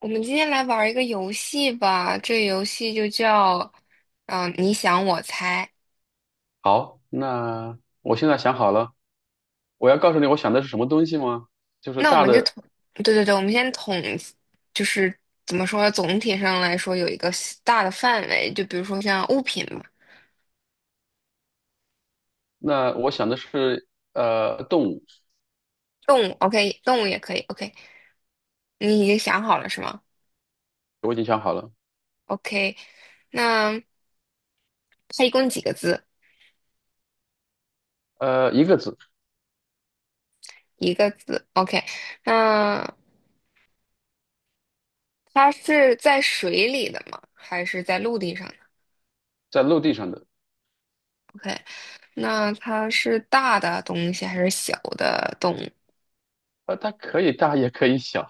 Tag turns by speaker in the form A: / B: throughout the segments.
A: 我们今天来玩儿一个游戏吧，这个游戏就叫，你想我猜。
B: 好，那我现在想好了，我要告诉你我想的是什么东西吗？就是
A: 那我
B: 大
A: 们就
B: 的，
A: 统，对对对，我们先统，就是怎么说，总体上来说有一个大的范围，就比如说像物品嘛，
B: 那我想的是动物。
A: 动物，OK，动物也可以，OK。你已经想好了是吗
B: 我已经想好了。
A: ？OK，那它一共几个字？
B: 一个字，
A: 一个字，OK。那它是在水里的吗？还是在陆地上。
B: 在陆地上的。
A: OK，那它是大的东西还是小的动物？
B: 它可以大也可以小。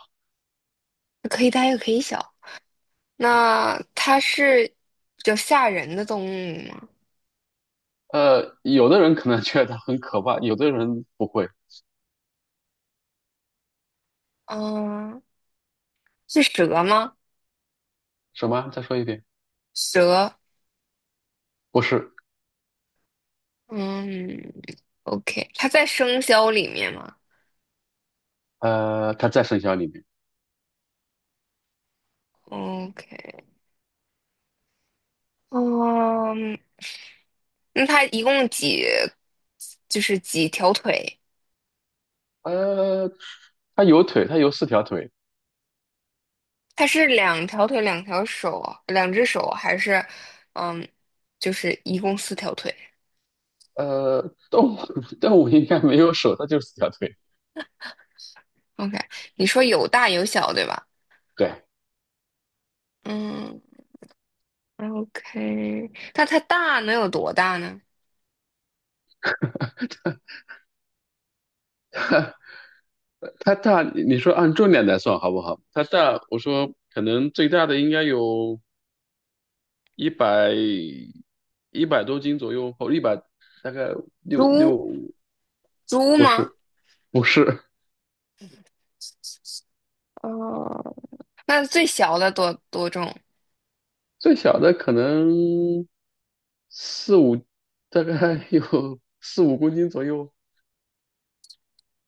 A: 可以大也可以小。那它是比较吓人的动物吗？
B: 有的人可能觉得它很可怕，有的人不会。
A: 嗯，是蛇吗？
B: 什么？再说一遍？
A: 蛇。
B: 不是。
A: 嗯，OK,它在生肖里面吗
B: 它在生肖里面。
A: ？OK，嗯，那它一共就是几条腿？
B: 呃它有腿，它有四条腿。
A: 它是两条腿、两条手、两只手，还是嗯，就是一共四条腿？
B: 呃动物 动物应该没有手，它就四条腿。
A: OK，你说有大有小，对吧？
B: 对。
A: 嗯，OK，那它大能有多大呢？
B: 它大，你说按重量来算好不好？它大，我说可能最大的应该有一百一百多斤左右，或100大概六
A: 猪
B: 六，
A: 猪
B: 不
A: 吗？
B: 是，不是。
A: 哦，那最小的多重？
B: 最小的可能四五，大概有 4、5公斤左右。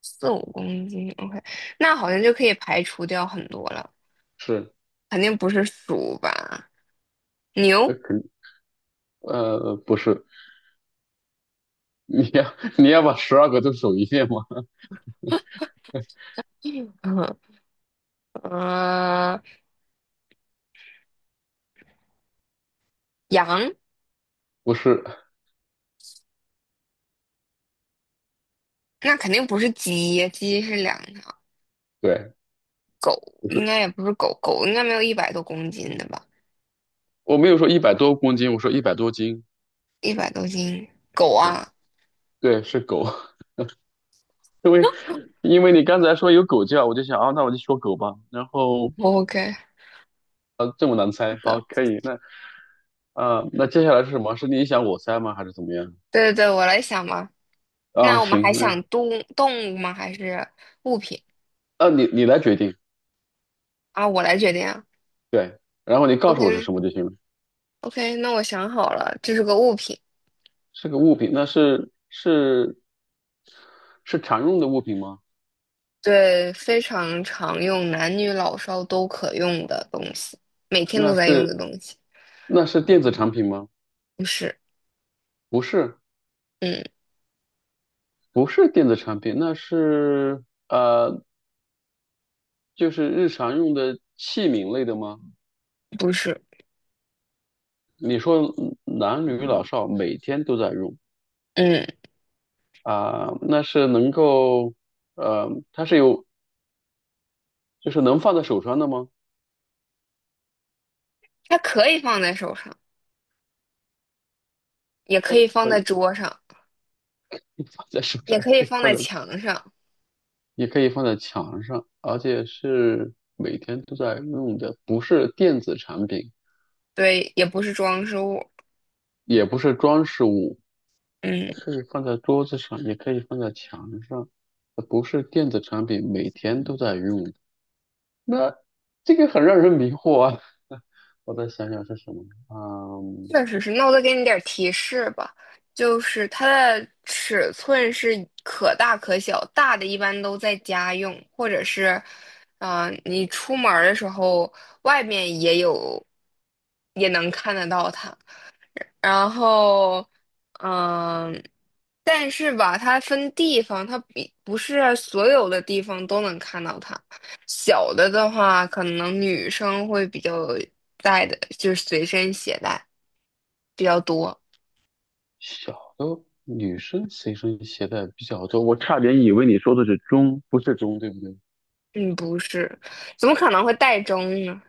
A: 四五公斤。OK，那好像就可以排除掉很多了，
B: 是。
A: 肯定不是鼠吧？
B: 呃，
A: 牛，
B: 肯不是。你要把12个都数一遍吗？
A: 嗯，呃，羊，
B: 不是。
A: 那肯定不是鸡，鸡是两条。
B: 对，
A: 狗
B: 不
A: 应
B: 是。
A: 该也不是狗，狗应该没有一百多公斤的吧？
B: 我没有说100多公斤，我说一百多斤。
A: 一百多斤，狗
B: 对，
A: 啊。
B: 对，是狗。因为因为你刚才说有狗叫，我就想啊，那我就说狗吧。然后
A: OK。
B: 这么难猜，好，
A: 的。
B: 可以。那接下来是什么？是你想我猜吗？还是怎么样？
A: 对对对，我来想嘛。
B: 啊，
A: 那我们
B: 行。
A: 还想动物吗？还是物品
B: 你来决定。
A: 啊？我来决定啊。
B: 对。然后你告诉我是
A: OK
B: 什么就行了。
A: OK，那我想好了，这是个物品，
B: 是个物品。那是常用的物品吗？
A: 对，非常常用，男女老少都可用的东西，每天
B: 那
A: 都在用的
B: 是
A: 东西。
B: 那是电子产品吗？
A: 不是，
B: 不是。
A: 嗯，
B: 不是电子产品。呃，就是日常用的器皿类的吗？
A: 不是，
B: 你说男女老少每天都在用。
A: 嗯，
B: 啊、那是能够，呃，它是有，就是能放在手上的吗？
A: 它可以放在手上，也可以放
B: 可以
A: 在桌上，
B: 放在手上，
A: 也可以
B: 可以
A: 放
B: 放
A: 在
B: 在，
A: 墙上。
B: 也可以放在墙上，而且是每天都在用的，不是电子产品，
A: 对，也不是装饰物。
B: 也不是装饰物，
A: 嗯，
B: 是放在桌子上，也可以放在墙上，不是电子产品，每天都在用的。那这个很让人迷惑啊！我再想想是什么。嗯。
A: 确实是，那我再给你点儿提示吧，就是它的尺寸是可大可小，大的一般都在家用，或者是，你出门儿的时候外面也有，也能看得到它。然后，嗯、但是吧，它分地方，它比不是所有的地方都能看到它。小的的话，可能女生会比较带的，就是随身携带比较多。
B: 小的女生随身携带比较多，我差点以为你说的是钟，不是钟，对不对？
A: 嗯，不是，怎么可能会带中呢？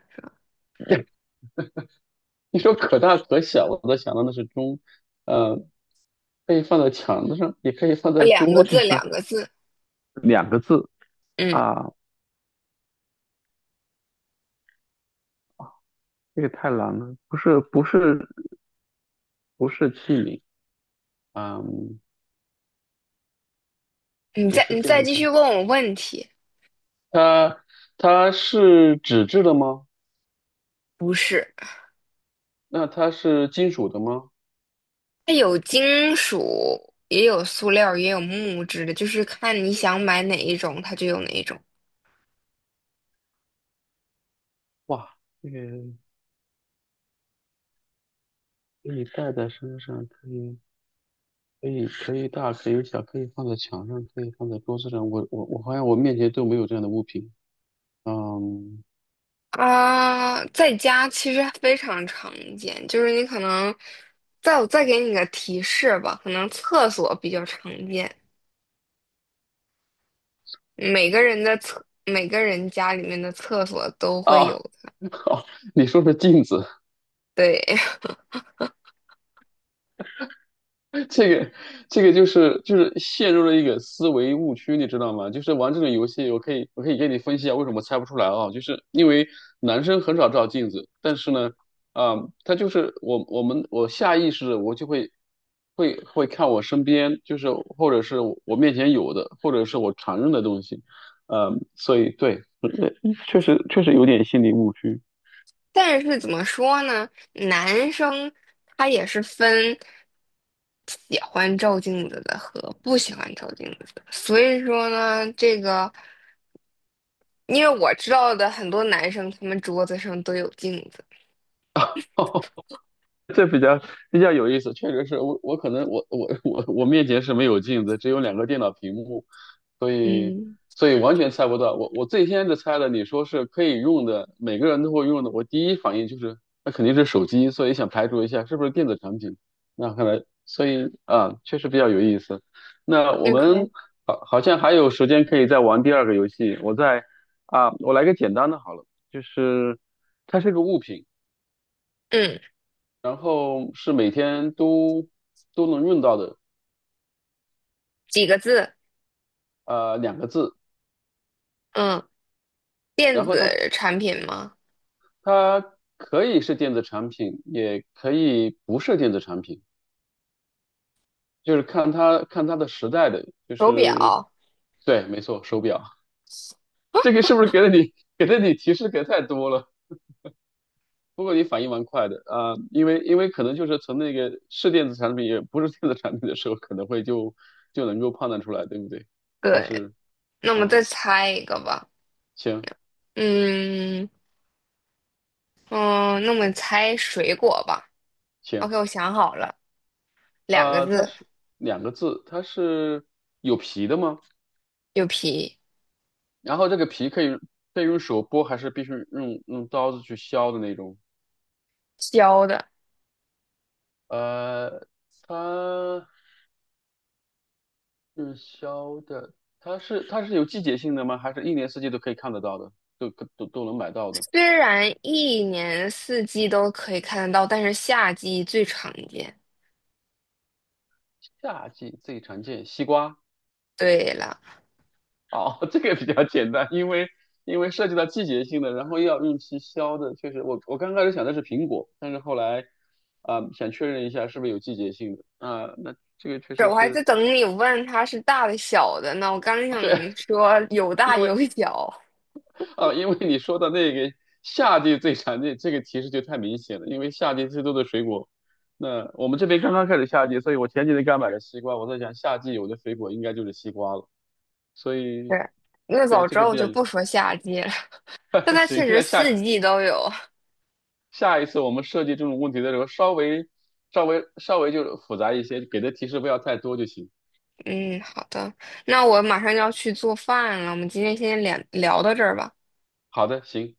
B: 你说可大可小，我都想到那是钟。呃，可以放在墙子上，也可以放在
A: 两个
B: 桌子
A: 字，
B: 上。
A: 两个字。
B: 两个字
A: 嗯，
B: 啊，这个太难了。不是，不是，不是器皿啊。嗯
A: 你
B: 不
A: 再
B: 是
A: 你
B: 电
A: 再
B: 子
A: 继
B: 秤。
A: 续问我问题。
B: 它它是纸质的吗？
A: 不是，
B: 那它是金属的吗？
A: 它有金属，也有塑料，也有木质的，就是看你想买哪一种，它就有哪一种。
B: 哇，这个可以戴在身上，可以。可以大可以小，可以放在墙上，可以放在桌子上。我好像我面前都没有这样的物品。嗯。
A: 啊、在家其实非常常见，就是你可能，我再给你个提示吧，可能厕所比较常见，每个人家里面的厕所都会有
B: 啊，
A: 的。
B: 好，你说说镜子。
A: 对，
B: 这个这个就是陷入了一个思维误区，你知道吗？就是玩这种游戏，我可以给你分析一下为什么猜不出来啊，就是因为男生很少照镜子。但是呢，啊、他就是我下意识的我就会看我身边，就是或者是我面前有的，或者是我常用的东西。所以对，确实有点心理误区。
A: 但是怎么说呢，男生他也是分喜欢照镜子的和不喜欢照镜子的，所以说呢，这个因为我知道的很多男生，他们桌子上都有镜子。
B: 这比较有意思，确实是我可能我面前是没有镜子，只有两个电脑屏幕，所以
A: 嗯
B: 完全猜不到。我最先是猜的，你说是可以用的，每个人都会用的，我第一反应就是那肯定是手机，所以想排除一下是不是电子产品。那看来，所以啊，确实比较有意思。那我们
A: ，OK，
B: 好像还有时间可以再玩第二个游戏。我再啊，我来个简单的好了，就是它是个物品。
A: 嗯，
B: 然后是每天都能用到的。
A: 几个字？
B: 两个字。
A: 嗯，电
B: 然后它
A: 子产品吗？
B: 它可以是电子产品，也可以不是电子产品，就是看它的时代的，就
A: 手
B: 是
A: 表。
B: 对，没错，手表。这个是不是给了你提示给太多了？不过你反应蛮快的啊，因为可能就是从那个是电子产品也不是电子产品的时候，可能会就能够判断出来，对不对？还
A: 对，
B: 是
A: 那么再
B: 嗯，
A: 猜一个吧。
B: 行，
A: 嗯嗯，那么猜水果吧。
B: 行。
A: OK，我想好了，两个
B: 它
A: 字，
B: 是两个字，它是有皮的吗？
A: 有皮。
B: 然后这个皮可以用手剥，还是必须用刀子去削的那种？
A: 教的。
B: 呃，它是削的。它是有季节性的吗？还是一年四季都可以看得到的，都能买到的？
A: 虽然一年四季都可以看得到，但是夏季最常见。
B: 夏季最常见西瓜。
A: 对了，
B: 哦，这个比较简单，因为涉及到季节性的，然后又要用期消的，确实我我刚开始想的是苹果，但是后来想确认一下是不是有季节性的。那这个确
A: 是
B: 实
A: 我还在
B: 是。
A: 等你问它是大的小的呢。我刚想
B: 对，
A: 说有大
B: 因
A: 有
B: 为
A: 小，
B: 因为你说的那个夏季最常见，这个提示就太明显了，因为夏季最多的水果，那我们这边刚刚开始夏季，所以我前几天刚买了西瓜，我在想夏季有的水果应该就是西瓜了。所以
A: 对，那
B: 对
A: 早
B: 这
A: 知
B: 个
A: 道我
B: 比较
A: 就
B: 有
A: 不说夏季了。但 它
B: 行，
A: 确实
B: 那
A: 四季都有。
B: 下一次我们设计这种问题的时候，稍微就复杂一些，给的提示不要太多就行。
A: 嗯，好的，那我马上就要去做饭了。我们今天先聊聊到这儿吧。
B: 好的，行。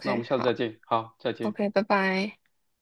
B: 那我们 下次再
A: 好
B: 见。好，再见。
A: ，OK，拜拜。